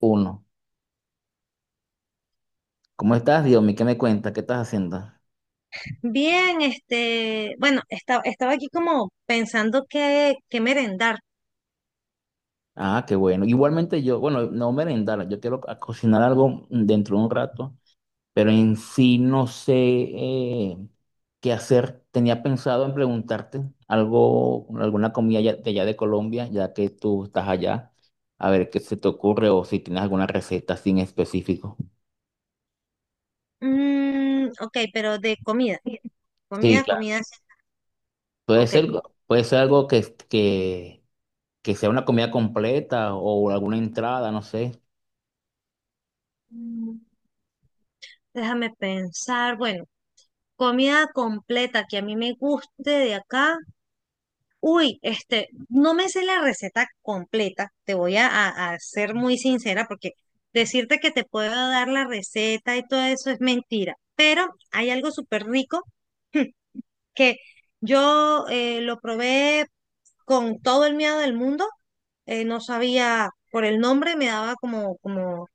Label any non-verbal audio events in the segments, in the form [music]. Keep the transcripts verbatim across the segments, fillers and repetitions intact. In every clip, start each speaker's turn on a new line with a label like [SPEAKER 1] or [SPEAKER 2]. [SPEAKER 1] Uno. ¿Cómo estás, Diomi? ¿Qué me cuentas? ¿Qué estás haciendo?
[SPEAKER 2] Bien, este, bueno, estaba, estaba aquí como pensando qué, qué merendar.
[SPEAKER 1] Ah, qué bueno. Igualmente yo, bueno, no merendar, yo quiero a- cocinar algo dentro de un rato, pero en sí no sé eh, qué hacer. Tenía pensado en preguntarte algo, alguna comida ya- de allá de Colombia, ya que tú estás allá, a ver qué se te ocurre o si tienes alguna receta sin específico.
[SPEAKER 2] Mm, ok, pero de comida,
[SPEAKER 1] Sí,
[SPEAKER 2] comida,
[SPEAKER 1] claro.
[SPEAKER 2] comida, sí.
[SPEAKER 1] Puede
[SPEAKER 2] Ok.
[SPEAKER 1] ser, puede ser algo que, que, que sea una comida completa o alguna entrada, no sé.
[SPEAKER 2] Mm, Déjame pensar, bueno, comida completa que a mí me guste de acá. Uy, este, no me sé la receta completa, te voy a, a- a ser muy sincera porque decirte que te puedo dar la receta y todo eso es mentira, pero hay algo súper rico que yo eh, lo probé con todo el miedo del mundo. Eh, no sabía por el nombre, me daba como, como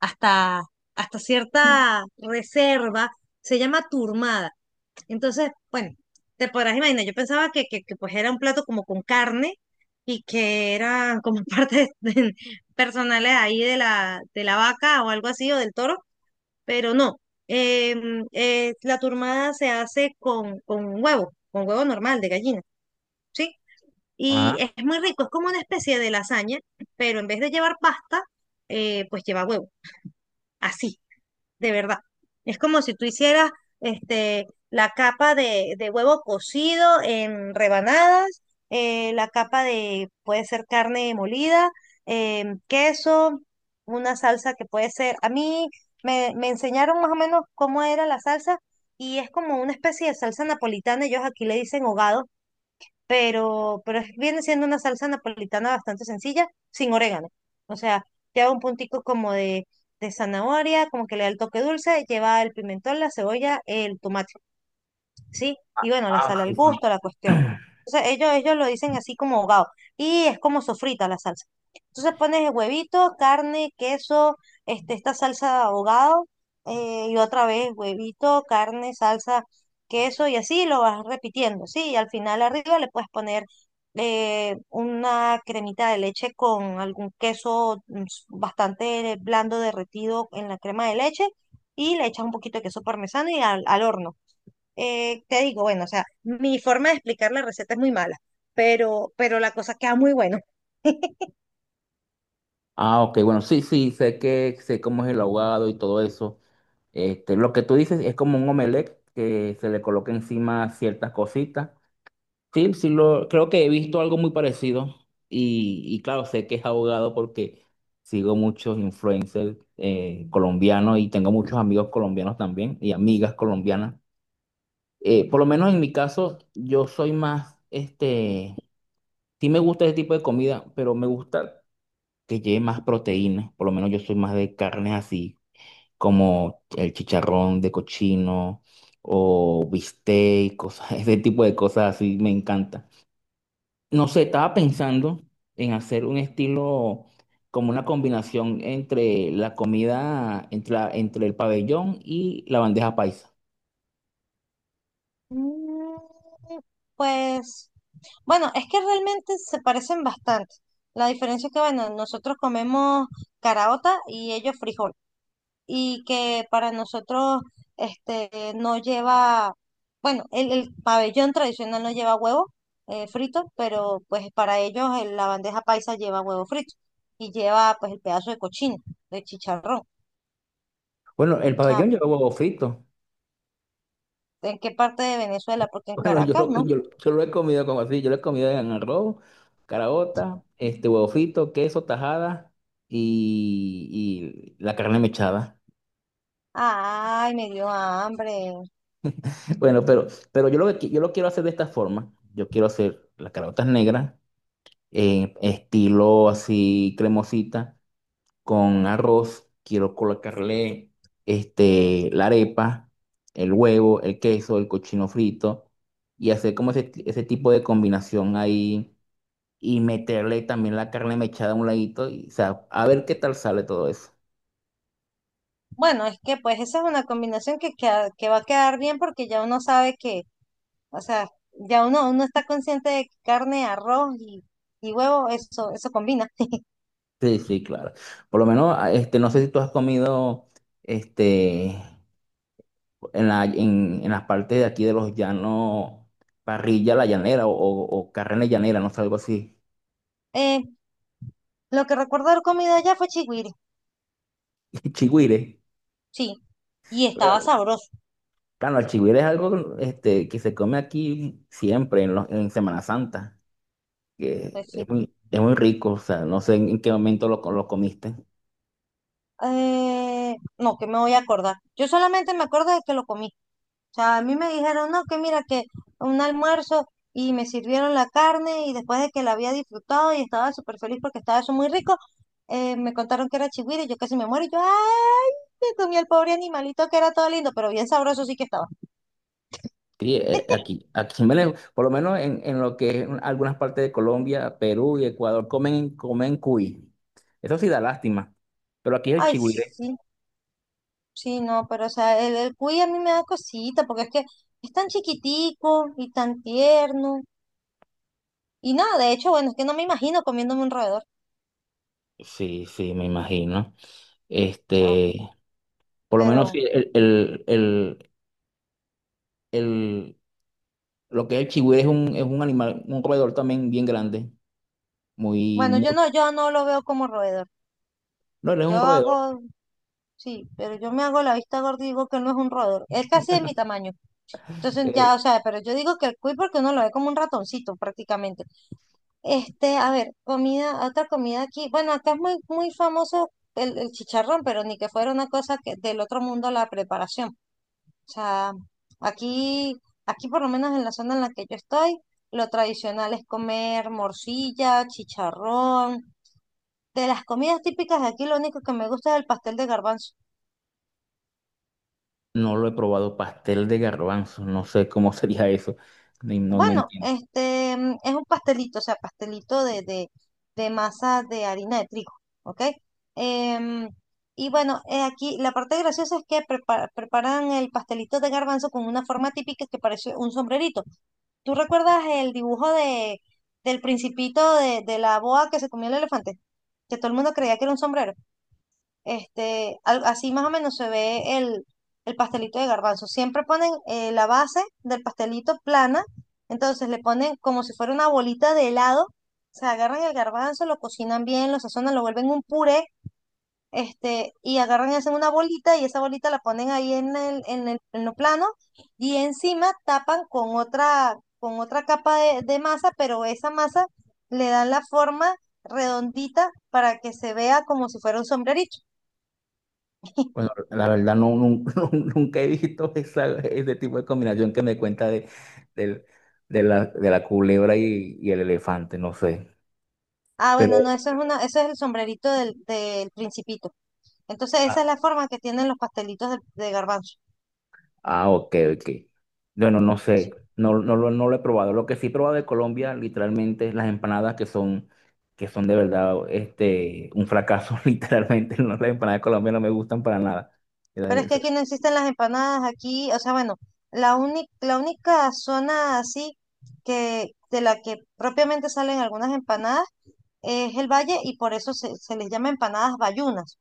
[SPEAKER 2] hasta, hasta cierta reserva. Se llama turmada. Entonces, bueno, te podrás imaginar, yo pensaba que, que, que, pues era un plato como con carne y que eran como [laughs] partes de- personales ahí de la, de la vaca o algo así o del toro, pero no. Em, eh, la turmada se hace con, con huevo, con huevo normal de gallina. ¿Sí? Y
[SPEAKER 1] Ajá.
[SPEAKER 2] es muy rico, es como una especie de lasaña, pero en vez de llevar pasta, eh, pues lleva huevo. Así, de verdad. Es como si tú hicieras este, la capa de, de huevo cocido en rebanadas, eh, la capa de, puede ser carne molida, eh, queso, una salsa que puede ser, a mí me, me enseñaron más o menos cómo era la salsa y es como una especie de salsa napolitana, ellos aquí le dicen hogado, pero, pero es- viene siendo una salsa napolitana bastante sencilla, sin orégano. O sea, lleva un puntico como de, de zanahoria, como que le da el toque dulce, lleva el pimentón, la cebolla, el tomate. ¿Sí? Y bueno, la sal al gusto, la cuestión. Entonces ellos, ellos lo dicen así como ahogado. Y es como sofrita la salsa. Entonces pones el huevito, carne, queso, este, esta salsa ahogado, eh, y otra vez huevito, carne, salsa, queso, y así lo vas repitiendo, ¿sí? Y al final arriba le puedes poner eh, una cremita de leche con algún queso mm, s- bastante blando derretido en la crema de leche, y le echas un poquito de queso parmesano y al al horno. Eh, te digo, bueno, o sea, mi forma de explicar la receta es muy mala, pero, pero la cosa queda muy bueno.
[SPEAKER 1] Ah, ok, bueno, sí, sí, sé que sé cómo es el ahogado y todo eso. Este, lo que tú dices es como un omelette que se le coloca encima ciertas cositas. Sí, sí, lo, creo que he visto algo muy parecido y, y claro, sé que es ahogado porque sigo muchos influencers eh, colombianos y tengo muchos amigos colombianos también y amigas colombianas. Eh, por lo menos en mi caso, yo soy más, este, sí me gusta ese tipo de comida, pero me gusta que lleve más proteínas, por lo menos yo soy más de carnes así, como el chicharrón de cochino o bistec, cosas, [laughs] ese tipo de cosas así me encanta. No sé, estaba pensando en hacer un estilo como una combinación entre la comida, entre, la- entre el pabellón y la bandeja paisa.
[SPEAKER 2] Mm, Pues, bueno, es que realmente se parecen bastante. La diferencia es que, bueno, nosotros comemos caraota y ellos frijol. Y que para nosotros, este, no lleva, bueno, el, el pabellón tradicional no lleva huevo eh, frito, pero pues para ellos eh, la bandeja paisa lleva huevo frito y lleva pues el pedazo de cochino, de chicharrón.
[SPEAKER 1] Bueno, el
[SPEAKER 2] O sea,
[SPEAKER 1] pabellón lleva huevo frito.
[SPEAKER 2] ¿en qué parte de Venezuela? Porque en
[SPEAKER 1] Bueno, yo
[SPEAKER 2] Caracas,
[SPEAKER 1] lo,
[SPEAKER 2] ¿no?
[SPEAKER 1] yo, yo lo he comido como así, yo lo he comido en arroz, caraota, este huevo frito, queso, tajada y, y la carne mechada.
[SPEAKER 2] Ay, me dio hambre.
[SPEAKER 1] [laughs] Bueno, pero, pero yo lo que qui- yo lo quiero hacer de esta forma. Yo quiero hacer las caraotas negras, en estilo así cremosita, con arroz. Quiero colocarle este, la arepa, el huevo, el queso, el cochino frito y hacer como ese, ese tipo de combinación ahí y meterle también la carne mechada a un ladito y, o sea, a ver qué tal sale todo eso.
[SPEAKER 2] Bueno, es que pues esa es una combinación que, queda- que va a quedar bien porque ya uno sabe que, o sea, ya uno, uno está consciente de que carne, arroz y, y huevo, eso, eso combina. [laughs]
[SPEAKER 1] Sí, sí, claro. Por lo menos, ah, este, no sé si tú has comido, este, en la, en, en las partes de aquí de los llanos, parrilla a la llanera o, o, o carne llanera, no sé, algo así,
[SPEAKER 2] Eh, lo que recuerdo de comida allá fue chigüire.
[SPEAKER 1] [laughs] chigüire.
[SPEAKER 2] Sí. Y estaba
[SPEAKER 1] Claro,
[SPEAKER 2] sabroso,
[SPEAKER 1] claro, el chigüire es algo, este, que se come aquí siempre en, los, en Semana Santa, que
[SPEAKER 2] pues sí.
[SPEAKER 1] es muy, es muy rico, o sea, no sé en qué momento lo, co- lo comiste.
[SPEAKER 2] Eh, no, que me voy a acordar. Yo solamente me acuerdo de que lo comí. O sea, a mí me dijeron, no, que mira, que un almuerzo y me sirvieron la carne y después de que la había disfrutado y estaba súper feliz porque estaba eso muy rico, eh, me contaron que era chigüiro y yo casi me muero y yo, ay, me comí el pobre animalito que era todo lindo, pero bien sabroso sí que estaba.
[SPEAKER 1] Sí, eh,
[SPEAKER 2] [laughs]
[SPEAKER 1] aquí, aquí en Venezuela, por lo menos en, en lo que es algunas partes de Colombia, Perú y Ecuador, comen, comen cuy. Eso sí da lástima. Pero aquí es el
[SPEAKER 2] Ay,
[SPEAKER 1] chigüire.
[SPEAKER 2] sí, sí, no, pero o sea, el, el cuy a mí me da cosita, porque es que es tan chiquitico y tan tierno. Y nada, de hecho, bueno, es que no me imagino comiéndome un roedor,
[SPEAKER 1] Sí, sí, me imagino.
[SPEAKER 2] o sea,
[SPEAKER 1] Este, por lo menos sí,
[SPEAKER 2] pero
[SPEAKER 1] el, el, el, el- lo que es el chigüire es un, es un animal, un roedor también bien grande. Muy,
[SPEAKER 2] bueno,
[SPEAKER 1] muy,
[SPEAKER 2] yo no, yo no lo veo como roedor.
[SPEAKER 1] no, él es
[SPEAKER 2] Yo
[SPEAKER 1] un roedor.
[SPEAKER 2] hago sí, pero yo me hago la vista gorda y digo que él no es un roedor. Él casi de mi tamaño. Entonces
[SPEAKER 1] Eh,
[SPEAKER 2] ya, o sea, pero yo digo que el cuy porque uno lo ve como un ratoncito prácticamente. Este, a ver, comida, otra comida aquí. Bueno, acá es muy, muy famoso el, el chicharrón, pero ni que fuera una cosa que del otro mundo la preparación. O sea, aquí, aquí por lo menos en la zona en la que yo estoy, lo tradicional es comer morcilla, chicharrón. De las comidas típicas de aquí, lo único que me gusta es el pastel de garbanzo.
[SPEAKER 1] no lo he probado, pastel de garbanzo, no sé cómo [laughs] sería eso. Ni- No, no
[SPEAKER 2] Bueno,
[SPEAKER 1] entiendo.
[SPEAKER 2] este mm, es un pastelito, o sea, pastelito de, de, de masa de harina de trigo, ¿ok? Em, y bueno, eh, aquí la parte graciosa es que prepara- preparan el pastelito de garbanzo con una forma típica que parece un sombrerito. ¿Tú recuerdas el dibujo de, del principito de, de la boa que se comió el elefante? Que todo el mundo creía que era un sombrero. Este, al- así más o menos se ve el, el pastelito de garbanzo. Siempre ponen eh, la base del pastelito plana, entonces le ponen como si fuera una bolita de helado, se agarran el garbanzo, lo cocinan bien, lo sazonan, lo vuelven un puré, este, y agarran y hacen una bolita y esa bolita la ponen ahí en el, en el, en lo plano y encima tapan con otra, con otra capa de, de masa, pero esa masa le dan la forma redondita para que se vea como si fuera un sombrerito.
[SPEAKER 1] Bueno, la verdad no, nun- [laughs] nun- nunca he visto esa, ese tipo de combinación que me cuenta de, del- de la, de la culebra y, y el elefante, no sé.
[SPEAKER 2] Ah, bueno,
[SPEAKER 1] Pero,
[SPEAKER 2] no, eso es una, ese es el sombrerito del, del principito. Entonces, esa es
[SPEAKER 1] ah,
[SPEAKER 2] la forma que tienen los pastelitos de, de garbanzo.
[SPEAKER 1] ah, ok, ok. Bueno, no sé,
[SPEAKER 2] Sí.
[SPEAKER 1] no, no, lo no lo he probado. Lo que sí he probado de Colombia, literalmente, es las empanadas que son, que son de verdad este, un fracaso, [laughs] literalmente. No, las empanadas de Colombia no me gustan para nada.
[SPEAKER 2] Pero es que aquí no existen las empanadas, aquí, o sea, bueno, la única, la única zona así que, de la que propiamente salen algunas empanadas es el valle y por eso se, se les llama empanadas bayunas.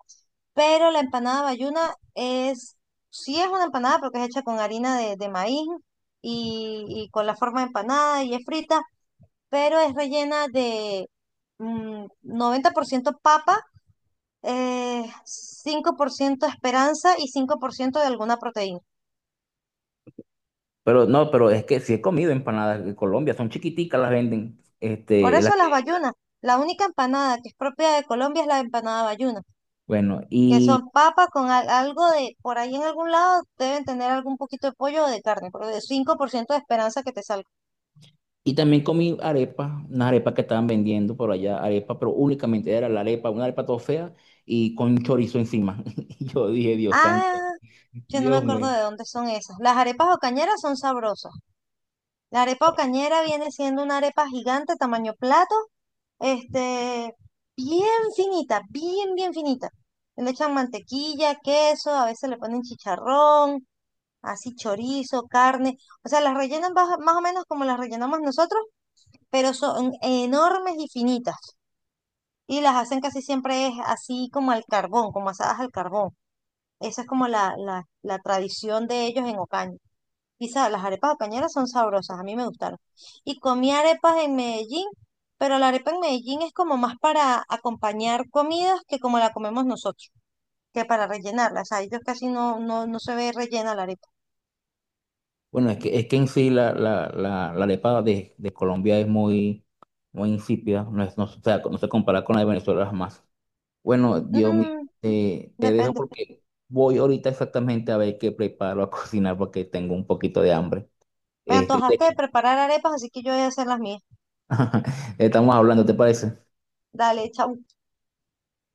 [SPEAKER 2] Pero la empanada bayuna es, sí es una empanada porque es hecha con harina de, de maíz y, y con la forma de empanada y es frita pero es rellena de mm, noventa por ciento papa, eh, cinco por ciento esperanza y cinco por ciento de alguna proteína.
[SPEAKER 1] Pero no, pero es que sí he comido empanadas de Colombia, son chiquiticas, las venden.
[SPEAKER 2] Por
[SPEAKER 1] Este,
[SPEAKER 2] eso las sí bayunas, la única empanada que es propia de Colombia es la empanada bayuna,
[SPEAKER 1] bueno,
[SPEAKER 2] que son
[SPEAKER 1] y,
[SPEAKER 2] papas con al- algo de, por ahí en algún lado deben tener algún poquito de pollo o de carne, pero de cinco por ciento de esperanza que te salga.
[SPEAKER 1] y también comí arepa, unas arepas que estaban vendiendo por allá, arepa, pero únicamente era la arepa, una arepa toda fea y con chorizo encima. [laughs] Y yo dije, Dios santo,
[SPEAKER 2] Ah, yo no me
[SPEAKER 1] Dios
[SPEAKER 2] acuerdo
[SPEAKER 1] mío.
[SPEAKER 2] de dónde son esas. Las arepas ocañeras son sabrosas. La arepa ocañera viene siendo una arepa gigante tamaño plato, este, bien finita, bien, bien finita. Le echan mantequilla, queso, a veces le ponen chicharrón, así chorizo, carne. O sea, las rellenan baja- más o menos como las rellenamos nosotros, pero son enormes y finitas. Y las hacen casi siempre es así como al carbón, como asadas al carbón. Esa es como la, la, la tradición de ellos en Ocaña. Y sa- las arepas de cañera son sabrosas, a mí me gustaron. Y comí arepas en Medellín, pero la arepa en Medellín es como más para acompañar comidas que como la comemos nosotros, que para rellenarla. O sea, ellos casi no, no, no se ve rellena la arepa.
[SPEAKER 1] Bueno, es que, es que en sí la, la, la, la arepa de, de Colombia es muy, muy insípida, no, es, no, o sea, no se compara con la de Venezuela jamás. Bueno, Dios mío,
[SPEAKER 2] Mm,
[SPEAKER 1] te, te dejo
[SPEAKER 2] depende.
[SPEAKER 1] porque voy ahorita exactamente a ver qué preparo a [laughs] cocinar porque tengo un poquito de hambre.
[SPEAKER 2] Me
[SPEAKER 1] Este,
[SPEAKER 2] antojaste de preparar arepas, así que yo voy a hacer las mías.
[SPEAKER 1] [laughs] estamos hablando, ¿te parece?
[SPEAKER 2] Dale, chau.